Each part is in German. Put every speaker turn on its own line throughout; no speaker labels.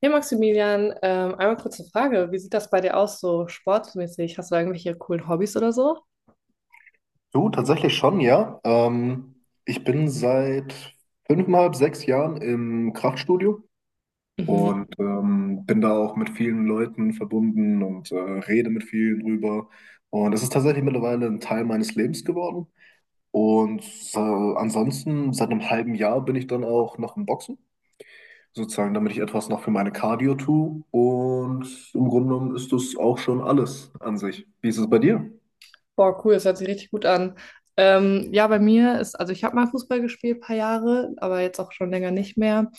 Hey Maximilian, einmal kurze Frage. Wie sieht das bei dir aus, so sportmäßig? Hast du da irgendwelche coolen Hobbys oder so?
Du, tatsächlich schon, ja. Ich bin seit fünfeinhalb, sechs Jahren im Kraftstudio und bin da auch mit vielen Leuten verbunden und rede mit vielen drüber. Und es ist tatsächlich mittlerweile ein Teil meines Lebens geworden. Und ansonsten, seit einem halben Jahr bin ich dann auch noch im Boxen, sozusagen, damit ich etwas noch für meine Cardio tue. Und im Grunde genommen ist das auch schon alles an sich. Wie ist es bei dir?
Boah, cool, das hört sich richtig gut an. Ja, bei mir ist, also ich habe mal Fußball gespielt, ein paar Jahre, aber jetzt auch schon länger nicht mehr.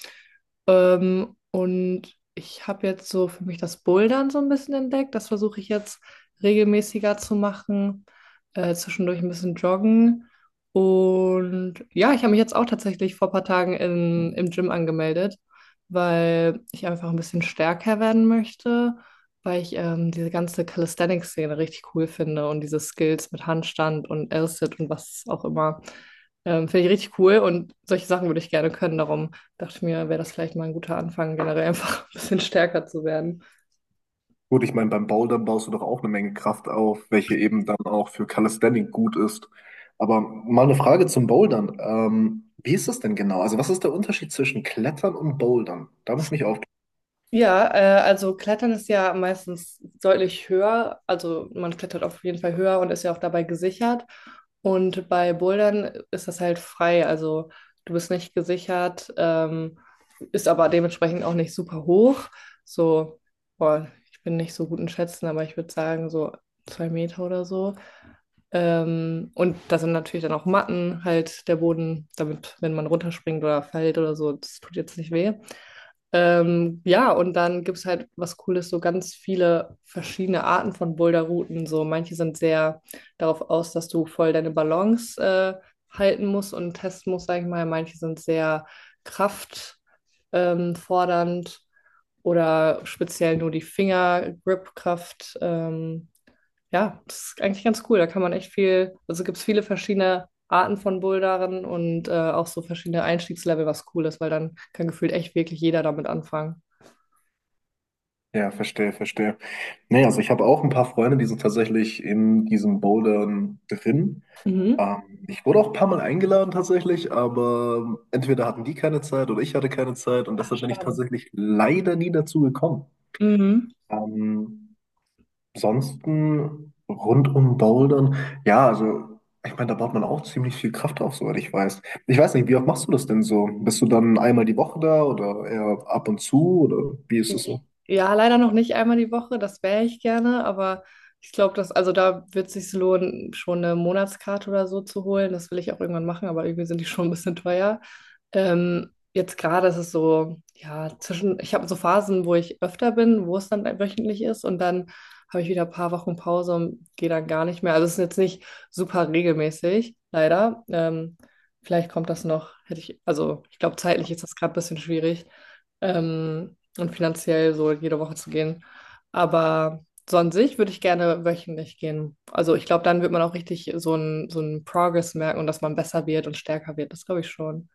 Und ich habe jetzt so für mich das Bouldern so ein bisschen entdeckt. Das versuche ich jetzt regelmäßiger zu machen, zwischendurch ein bisschen joggen. Und ja, ich habe mich jetzt auch tatsächlich vor ein paar Tagen im Gym angemeldet, weil ich einfach ein bisschen stärker werden möchte, weil ich diese ganze Calisthenics-Szene richtig cool finde und diese Skills mit Handstand und L-Sit und was auch immer. Finde ich richtig cool und solche Sachen würde ich gerne können. Darum dachte ich mir, wäre das vielleicht mal ein guter Anfang, generell einfach ein bisschen stärker zu werden.
Gut, ich meine, beim Bouldern baust du doch auch eine Menge Kraft auf, welche eben dann auch für Calisthenics gut ist. Aber mal eine Frage zum Bouldern. Wie ist das denn genau? Also was ist der Unterschied zwischen Klettern und Bouldern? Da muss ich mich auf.
Ja, also Klettern ist ja meistens deutlich höher. Also man klettert auf jeden Fall höher und ist ja auch dabei gesichert. Und bei Bouldern ist das halt frei. Also du bist nicht gesichert, ist aber dementsprechend auch nicht super hoch. So, boah, ich bin nicht so gut in Schätzen, aber ich würde sagen so 2 Meter oder so. Und da sind natürlich dann auch Matten, halt der Boden, damit, wenn man runterspringt oder fällt oder so, das tut jetzt nicht weh. Ja, und dann gibt es halt was Cooles, so ganz viele verschiedene Arten von Boulderrouten. So manche sind sehr darauf aus, dass du voll deine Balance halten musst und testen musst, sag ich mal. Manche sind sehr kraftfordernd fordernd oder speziell nur die Fingergripkraft, ja, das ist eigentlich ganz cool. Da kann man echt viel, also gibt es viele verschiedene Arten von Bouldern und auch so verschiedene Einstiegslevel, was cool ist, weil dann kann gefühlt echt wirklich jeder damit anfangen.
Ja, verstehe, verstehe. Nee, also ich habe auch ein paar Freunde, die sind tatsächlich in diesem Bouldern drin.
Mhm.
Ich wurde auch ein paar Mal eingeladen tatsächlich, aber entweder hatten die keine Zeit oder ich hatte keine Zeit und
Ach,
deshalb bin ich
schade.
tatsächlich leider nie dazu gekommen.
Mhm.
Ähm, Ansonsten rund um Bouldern, ja, also ich meine, da baut man auch ziemlich viel Kraft auf, soweit ich weiß. Ich weiß nicht, wie oft machst du das denn so? Bist du dann einmal die Woche da oder eher ab und zu oder wie ist es so?
Ja, leider noch nicht einmal die Woche, das wäre ich gerne, aber ich glaube, dass, also da wird es sich lohnen, schon eine Monatskarte oder so zu holen. Das will ich auch irgendwann machen, aber irgendwie sind die schon ein bisschen teuer. Jetzt gerade ist es so, ja, zwischen, ich habe so Phasen, wo ich öfter bin, wo es dann wöchentlich ist und dann habe ich wieder ein paar Wochen Pause und gehe dann gar nicht mehr. Also es ist jetzt nicht super regelmäßig, leider. Vielleicht kommt das noch, hätte ich, also ich glaube, zeitlich ist das gerade ein bisschen schwierig, und finanziell so jede Woche zu gehen. Aber so an sich würde ich gerne wöchentlich gehen. Also ich glaube, dann wird man auch richtig so einen Progress merken und dass man besser wird und stärker wird. Das glaube ich schon.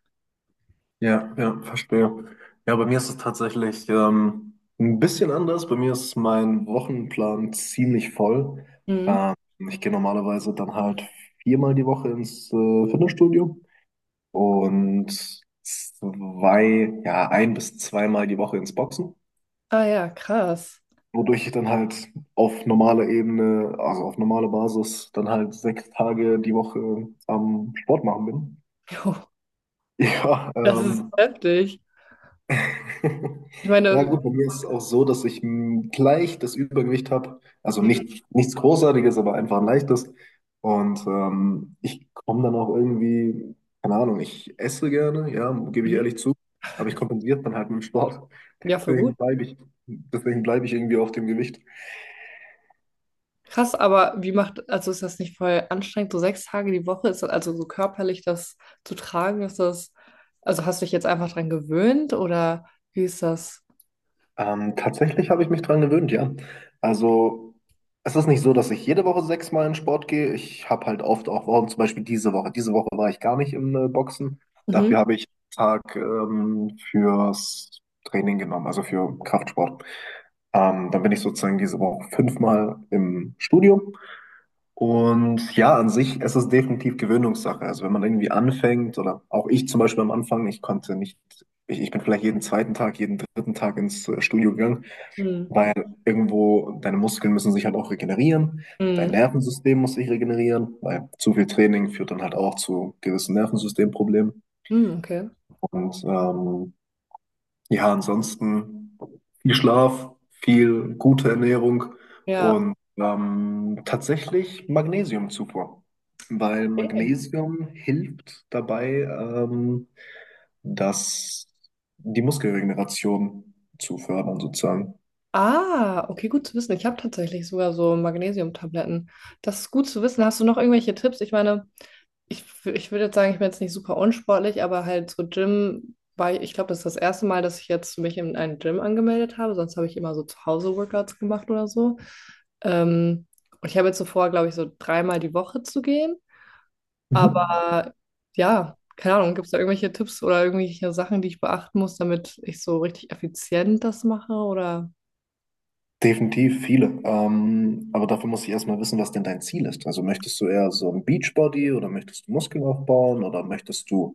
Ja, ja, verstehe. Ja, bei mir ist es tatsächlich ein bisschen anders. Bei mir ist mein Wochenplan ziemlich voll.
Mhm.
Ähm, Ich gehe normalerweise dann halt viermal die Woche ins Fitnessstudio. Und zwei, ja, ein bis zweimal die Woche ins Boxen,
Ah ja, krass.
wodurch ich dann halt auf normaler Ebene, also auf normaler Basis, dann halt sechs Tage die Woche am Sport machen bin.
Jo,
Ja,
das ist heftig. Ich
ja
meine,
gut, bei mir ist es auch so, dass ich leicht das Übergewicht habe. Also nicht, nichts Großartiges, aber einfach ein leichtes. Und ich komme dann auch irgendwie, keine Ahnung, ich esse gerne, ja, gebe ich
mhm,
ehrlich zu, aber ich kompensiere es dann halt mit dem Sport.
ja, voll gut.
Deswegen bleibe ich, deswegen bleibe ich irgendwie auf dem Gewicht.
Krass, aber wie macht, also ist das nicht voll anstrengend, so 6 Tage die Woche, ist das also so körperlich das zu tragen, ist das, also hast du dich jetzt einfach dran gewöhnt oder wie ist das?
Tatsächlich habe ich mich dran gewöhnt, ja. Also es ist nicht so, dass ich jede Woche sechsmal in Sport gehe. Ich habe halt oft auch Wochen, zum Beispiel diese Woche. Diese Woche war ich gar nicht im Boxen.
Mhm.
Dafür habe ich einen Tag fürs Training genommen, also für Kraftsport. Dann bin ich sozusagen diese Woche fünfmal im Studio. Und ja, an sich, es ist definitiv Gewöhnungssache. Also wenn man irgendwie anfängt, oder auch ich zum Beispiel am Anfang, ich konnte nicht, ich bin vielleicht jeden zweiten Tag, jeden dritten Tag ins Studio gegangen,
Mhm.
weil irgendwo deine Muskeln müssen sich halt auch regenerieren, dein
Mhm.
Nervensystem muss sich regenerieren, weil zu viel Training führt dann halt auch zu gewissen Nervensystemproblemen.
Mhm, okay.
Und ja, ansonsten viel Schlaf, viel gute Ernährung
Ja.
und tatsächlich Magnesiumzufuhr, weil
Okay.
Magnesium hilft dabei, dass die Muskelregeneration zu fördern sozusagen.
Ah, okay, gut zu wissen. Ich habe tatsächlich sogar so Magnesiumtabletten. Das ist gut zu wissen. Hast du noch irgendwelche Tipps? Ich meine, ich würde jetzt sagen, ich bin jetzt nicht super unsportlich, aber halt so Gym war ich, ich glaube, das ist das erste Mal, dass ich jetzt mich in einen Gym angemeldet habe. Sonst habe ich immer so zu Hause Workouts gemacht oder so. Ähm, und ich habe jetzt so vor, glaube ich, so dreimal die Woche zu gehen.
Mhm.
Aber ja, keine Ahnung, gibt es da irgendwelche Tipps oder irgendwelche Sachen, die ich beachten muss, damit ich so richtig effizient das mache oder?
Definitiv viele. Aber dafür muss ich erstmal wissen, was denn dein Ziel ist. Also möchtest du eher so ein Beachbody oder möchtest du Muskeln aufbauen oder möchtest du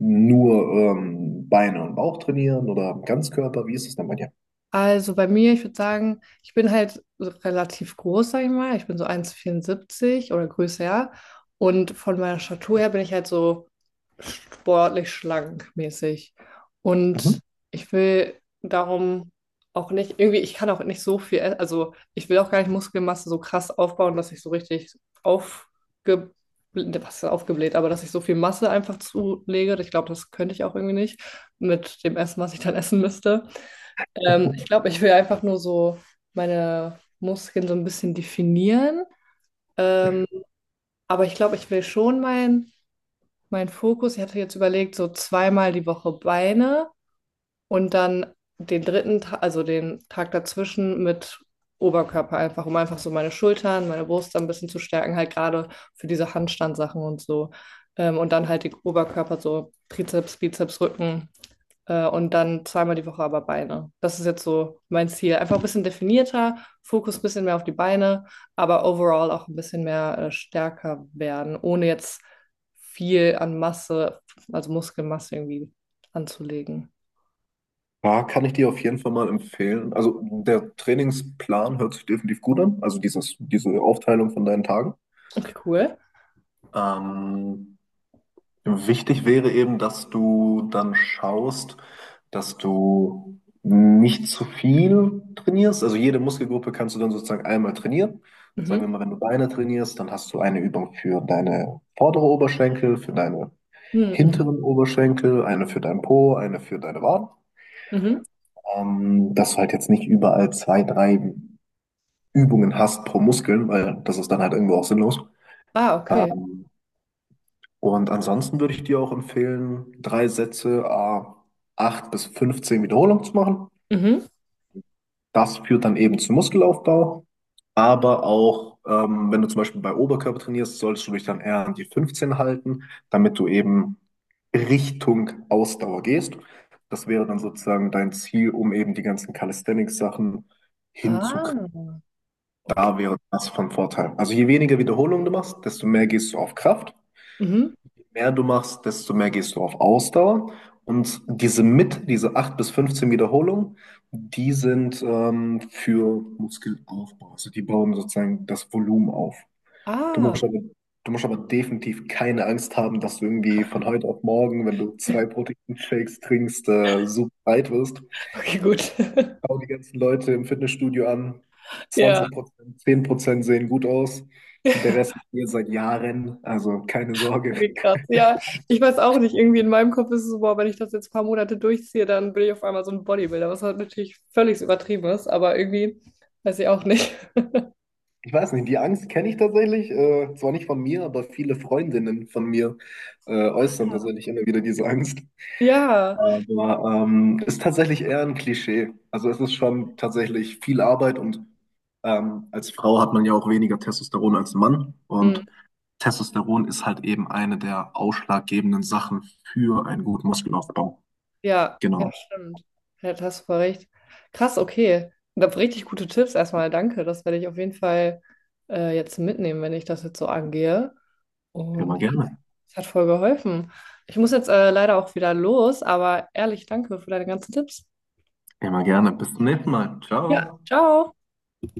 nur Beine und Bauch trainieren oder Ganzkörper? Wie ist es denn bei dir?
Also bei mir, ich würde sagen, ich bin halt so relativ groß, sag ich mal. Ich bin so 1,74 oder größer. Ja. Und von meiner Statur her bin ich halt so sportlich schlank mäßig.
Mhm.
Und ich will darum auch nicht, irgendwie, ich kann auch nicht so viel, also ich will auch gar nicht Muskelmasse so krass aufbauen, dass ich so richtig aufge, was ist aufgebläht, aber dass ich so viel Masse einfach zulege. Ich glaube, das könnte ich auch irgendwie nicht mit dem Essen, was ich dann essen müsste. Ich glaube, ich will einfach nur so meine Muskeln so ein bisschen definieren. Ähm, aber ich glaube, ich will schon mein Fokus, ich hatte jetzt überlegt, so zweimal die Woche Beine und dann den dritten Tag, also den Tag dazwischen mit Oberkörper einfach, um einfach so meine Schultern, meine Brust ein bisschen zu stärken, halt gerade für diese Handstandsachen und so. Und dann halt den Oberkörper, so Trizeps, Bizeps, Rücken, und dann zweimal die Woche aber Beine. Das ist jetzt so mein Ziel. Einfach ein bisschen definierter, Fokus ein bisschen mehr auf die Beine, aber overall auch ein bisschen mehr, stärker werden, ohne jetzt viel an Masse, also Muskelmasse irgendwie anzulegen.
Ja, kann ich dir auf jeden Fall mal empfehlen. Also der Trainingsplan hört sich definitiv gut an, also dieses, diese Aufteilung von deinen Tagen.
Okay, cool.
Ähm, Wichtig wäre eben, dass du dann schaust, dass du nicht zu viel trainierst. Also jede Muskelgruppe kannst du dann sozusagen einmal trainieren. Sagen wir
Mhm.
mal, wenn du Beine trainierst, dann hast du eine Übung für deine vordere Oberschenkel, für deine
Mhm, mhm,
hinteren Oberschenkel, eine für deinen Po, eine für deine Waden.
mhm.
Dass du halt jetzt nicht überall zwei, drei Übungen hast pro Muskeln, weil das ist dann halt irgendwo auch sinnlos.
Ah, okay.
Ähm, und ansonsten würde ich dir auch empfehlen, drei Sätze, 8 bis 15 Wiederholungen zu machen.
Mhm.
Das führt dann eben zum Muskelaufbau. Aber auch, wenn du zum Beispiel bei Oberkörper trainierst, solltest du dich dann eher an die 15 halten, damit du eben Richtung Ausdauer gehst. Das wäre dann sozusagen dein Ziel, um eben die ganzen Calisthenics-Sachen
Ah,
hinzukriegen.
okay.
Da wäre das von Vorteil. Also je weniger Wiederholungen du machst, desto mehr gehst du auf Kraft.
Mhm.
Je mehr du machst, desto mehr gehst du auf Ausdauer. Und diese mit, diese 8 bis 15 Wiederholungen, die sind für Muskelaufbau. Also die bauen sozusagen das Volumen auf. Du
Ah,
musst aber, du musst aber definitiv keine Angst haben, dass du irgendwie von heute auf morgen, wenn du zwei Proteinshakes trinkst, super breit wirst.
okay, gut.
Schau die ganzen Leute im Fitnessstudio an.
Ja.
Zwanzig Prozent, 10% sehen gut aus. Der Rest hier seit Jahren, also keine Sorge.
Irgendwie krass. Ja, ich weiß auch nicht. Irgendwie in meinem Kopf ist es so, boah, wenn ich das jetzt ein paar Monate durchziehe, dann bin ich auf einmal so ein Bodybuilder, was halt natürlich völlig übertrieben ist, aber irgendwie weiß ich auch nicht.
Ich weiß nicht, die Angst kenne ich tatsächlich. Zwar nicht von mir, aber viele Freundinnen von mir äußern tatsächlich immer wieder diese Angst.
Ja.
Aber ist tatsächlich eher ein Klischee. Also es ist schon tatsächlich viel Arbeit und als Frau hat man ja auch weniger Testosteron als Mann.
Hm,
Und Testosteron ist halt eben eine der ausschlaggebenden Sachen für einen guten Muskelaufbau.
ja, ja,
Genau.
stimmt. Ja, da hast du voll recht. Krass, okay. Und da richtig gute Tipps erstmal. Danke. Das werde ich auf jeden Fall, jetzt mitnehmen, wenn ich das jetzt so angehe.
Immer
Und ja,
gerne.
das hat voll geholfen. Ich muss jetzt, leider auch wieder los, aber ehrlich, danke für deine ganzen Tipps.
Immer gerne. Bis zum nächsten Mal.
Ja,
Ciao.
ciao.